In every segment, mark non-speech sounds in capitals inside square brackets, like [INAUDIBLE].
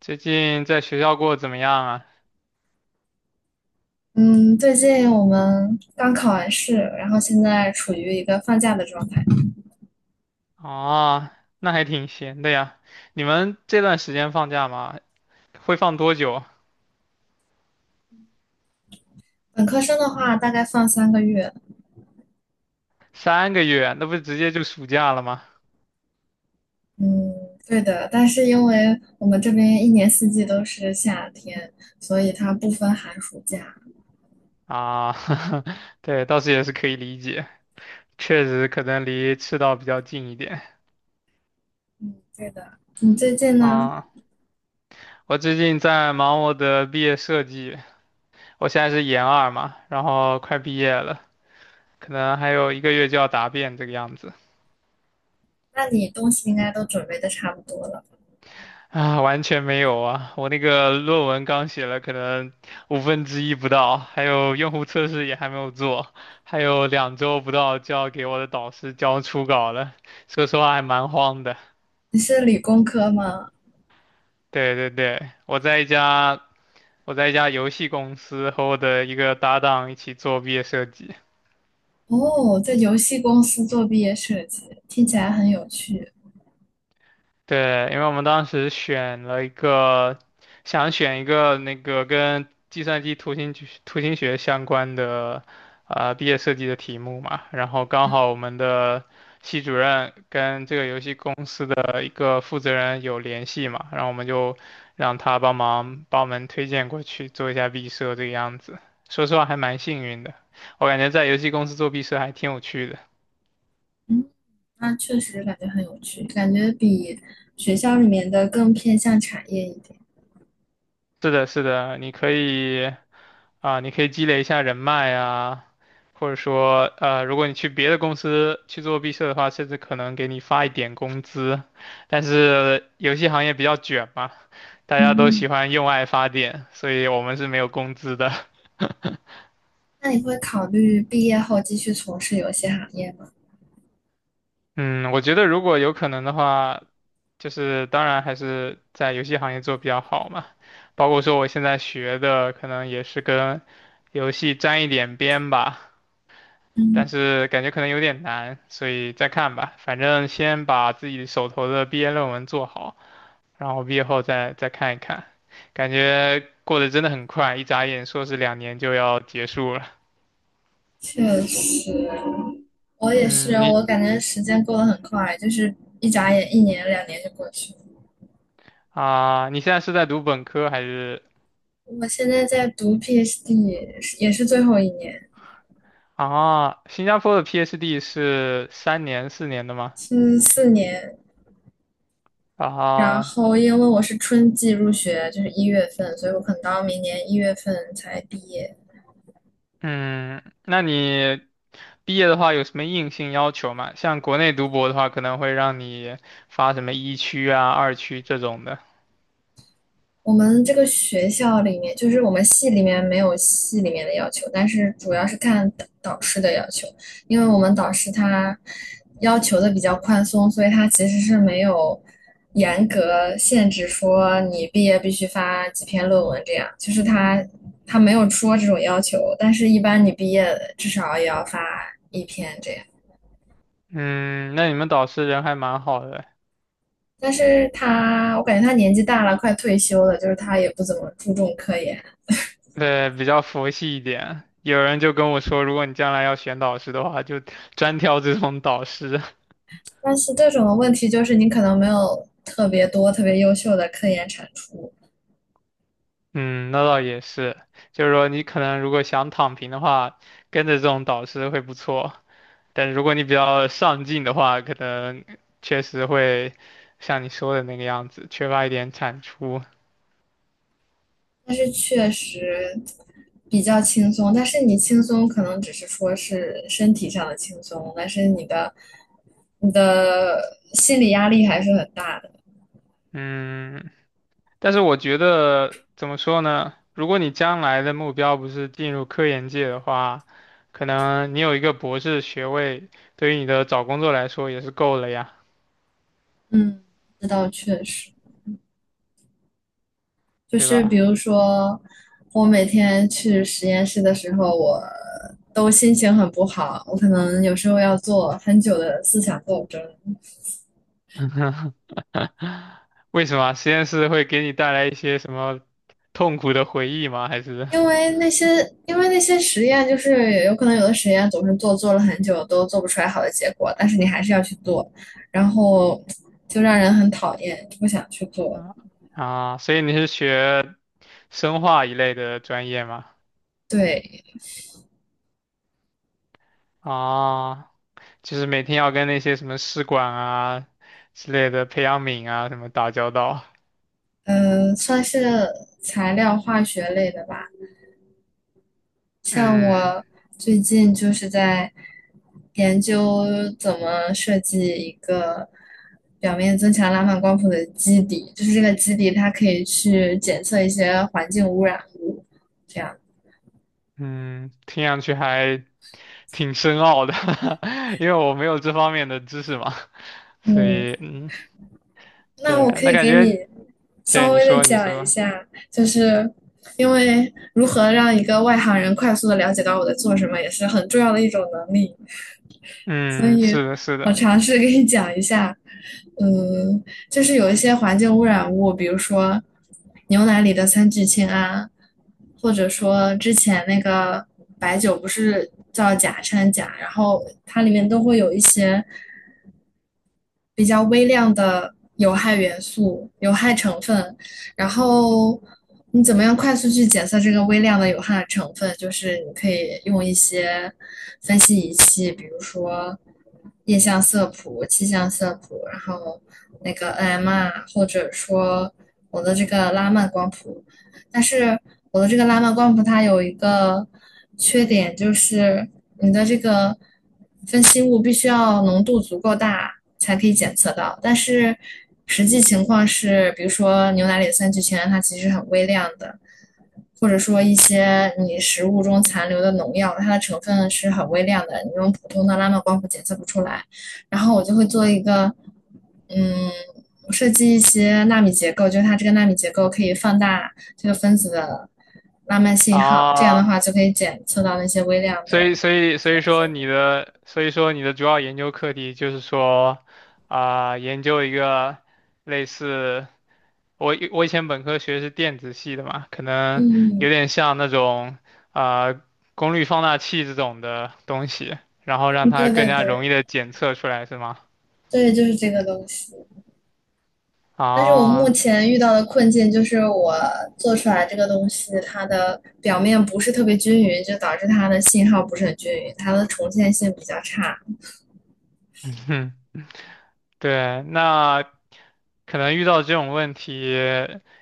最近在学校过得怎么样啊？嗯，最近我们刚考完试，然后现在处于一个放假的状态。啊，那还挺闲的呀。你们这段时间放假吗？会放多久？本科生的话，大概放3个月。3个月，那不直接就暑假了吗？嗯，对的。但是因为我们这边一年四季都是夏天，所以它不分寒暑假。啊，[LAUGHS] 对，倒是也是可以理解，确实可能离赤道比较近一点嗯，对的。你最近呢？啊。我最近在忙我的毕业设计，我现在是研二嘛，然后快毕业了，可能还有1个月就要答辩这个样子。那你东西应该都准备的差不多了。啊，完全没有啊！我那个论文刚写了，可能五分之一不到，还有用户测试也还没有做，还有2周不到就要给我的导师交初稿了。说实话还蛮慌的。你是理工科吗？对对对，我在一家游戏公司和我的一个搭档一起做毕业设计。哦，在游戏公司做毕业设计，听起来很有趣。对，因为我们当时选了一个，想选一个那个跟计算机图形学相关的毕业设计的题目嘛，然后刚好我们的系主任跟这个游戏公司的一个负责人有联系嘛，然后我们就让他帮忙帮我们推荐过去做一下毕设这个样子。说实话还蛮幸运的，我感觉在游戏公司做毕设还挺有趣的。嗯，那确实感觉很有趣，感觉比学校里面的更偏向产业一点。是的，是的，你可以。啊，你可以积累一下人脉啊，或者说，如果你去别的公司去做毕设的话，甚至可能给你发一点工资。但是游戏行业比较卷嘛，大家都嗯，喜欢用爱发电，所以我们是没有工资的。[LAUGHS] 那你会考虑毕业后继续从事游戏行业吗？嗯，我觉得如果有可能的话，就是当然还是在游戏行业做比较好嘛。包括说我现在学的，可能也是跟游戏沾一点边吧。但嗯，是感觉可能有点难，所以再看吧。反正先把自己手头的毕业论文做好，然后毕业后再看一看。感觉过得真的很快，一眨眼硕士2年就要结束了。确实，我也是，嗯，我你感觉时间过得很快，就是一眨眼一年两年就过去了。啊，你现在是在读本科还是我现在在读 PhD，也是最后一年，啊？新加坡的 PhD 是3年4年的吗？是4年。然啊，后因为我是春季入学，就是一月份，所以我可能到明年一月份才毕业。嗯，那你毕业的话有什么硬性要求吗？像国内读博的话，可能会让你发什么一区啊、二区这种的。我们这个学校里面，就是我们系里面没有系里面的要求，但是主要是看导师的要求，因为我们导师他要求的比较宽松，所以他其实是没有严格限制说你毕业必须发几篇论文这样，就是他没有说这种要求，但是一般你毕业至少也要发一篇这样。嗯，那你们导师人还蛮好的，但是他，我感觉他年纪大了，快退休了，就是他也不怎么注重科研。对，比较佛系一点。有人就跟我说，如果你将来要选导师的话，就专挑这种导师。[LAUGHS] 但是这种问题就是你可能没有特别多、特别优秀的科研产出，嗯，那倒也是，就是说你可能如果想躺平的话，跟着这种导师会不错。但是如果你比较上进的话，可能确实会像你说的那个样子，缺乏一点产出。但是确实比较轻松。但是你轻松可能只是说是身体上的轻松，但是你的心理压力还是很大的。嗯，但是我觉得怎么说呢？如果你将来的目标不是进入科研界的话，可能你有一个博士学位，对于你的找工作来说也是够了呀，嗯，这倒确实，就对是比吧？如说我每天去实验室的时候，我都心情很不好，我可能有时候要做很久的思想斗争。为什么实验室会给你带来一些什么痛苦的回忆吗？还是因为那些，因为那些实验，就是有可能有的实验总是做了很久都做不出来好的结果，但是你还是要去做，然后就让人很讨厌，就不想去做。啊啊？所以你是学生化一类的专业吗？对，啊，就是每天要跟那些什么试管啊之类的培养皿啊什么打交道。算是材料化学类的吧。像嗯我最近就是在研究怎么设计一个表面增强拉曼光谱的基底，就是这个基底它可以去检测一些环境污染物，这样。嗯，听上去还挺深奥的。[LAUGHS] 因为我没有这方面的知识嘛，所嗯，以嗯，那对，我可那以感给觉你对稍你微的说你讲什一么，下，就是因为如何让一个外行人快速的了解到我在做什么，也是很重要的一种能力。所嗯，以是的，是我的尝试给你讲一下，嗯，就是有一些环境污染物，比如说牛奶里的三聚氰胺，或者说之前那个白酒不是叫甲掺钾，然后它里面都会有一些比较微量的有害元素、有害成分，然后你怎么样快速去检测这个微量的有害成分？就是你可以用一些分析仪器，比如说液相色谱、气象色谱，然后那个 NMR，或者说我的这个拉曼光谱，但是我的这个拉曼光谱它有一个缺点，就是你的这个分析物必须要浓度足够大才可以检测到。但是实际情况是，比如说牛奶里的三聚氰胺，它其实很微量的，或者说一些你食物中残留的农药，它的成分是很微量的，你用普通的拉曼光谱检测不出来。然后我就会做一个，嗯，我设计一些纳米结构，就是它这个纳米结构可以放大这个分子的拉曼信号，这样啊，的话就可以检测到那些微量所的。以所以说你的主要研究课题就是说啊，研究一个类似。我以前本科学的是电子系的嘛，可能嗯有点像那种啊、呃功率放大器这种的东西，然后让嗯，它对更对加容对易的检测出来，是吗？对，就是这个东西。但是我目啊，前遇到的困境就是我做出来这个东西，它的表面不是特别均匀，就导致它的信号不是很均匀，它的重现性比较差。[LAUGHS] 哼，对，那可能遇到这种问题，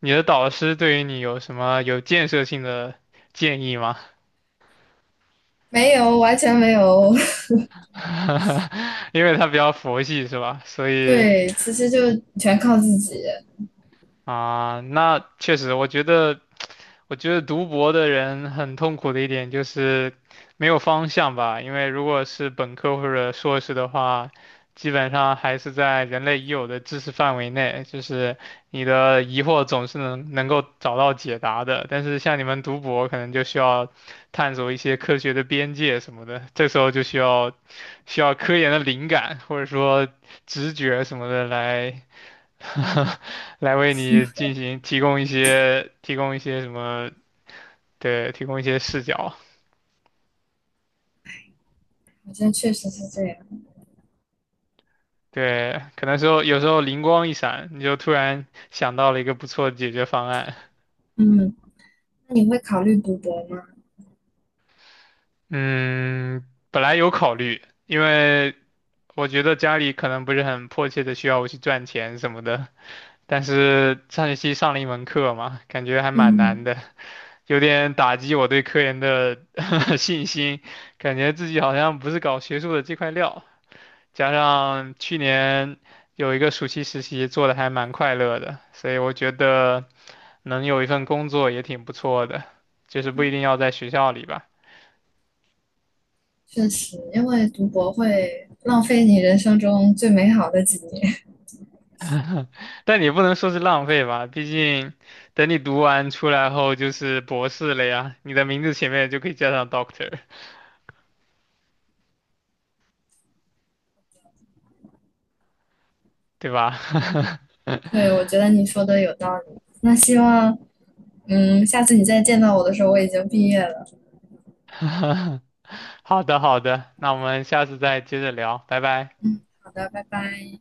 你的导师对于你有什么有建设性的建议吗？没有，完全没有。[LAUGHS] 因为他比较佛系，是吧？所 [LAUGHS] 以对，其实就全靠自己，啊、那确实，我觉得。我觉得读博的人很痛苦的一点就是没有方向吧，因为如果是本科或者硕士的话，基本上还是在人类已有的知识范围内，就是你的疑惑总是能够找到解答的。但是像你们读博，可能就需要探索一些科学的边界什么的，这时候就需要科研的灵感或者说直觉什么的来 [LAUGHS] 来为你进行提供一些什么。对，提供一些视角。好像确实是这样。对，可能时候有时候灵光一闪，你就突然想到了一个不错的解决方案。嗯，那你会考虑读博吗？嗯，本来有考虑，因为我觉得家里可能不是很迫切的需要我去赚钱什么的。但是上学期上了一门课嘛，感觉还蛮难嗯，的，有点打击我对科研的 [LAUGHS] 信心，感觉自己好像不是搞学术的这块料。加上去年有一个暑期实习做的还蛮快乐的，所以我觉得能有一份工作也挺不错的，就是不一定要在学校里吧。确实，因为读博会浪费你人生中最美好的几年。但你不能说是浪费吧，毕竟等你读完出来后就是博士了呀，你的名字前面就可以加上 Doctor，对吧？[LAUGHS] 对，我觉得你说的有道理。那希望，嗯，下次你再见到我的时候，我已经毕业了。好的，好的，那我们下次再接着聊，拜拜。嗯，好的，拜拜。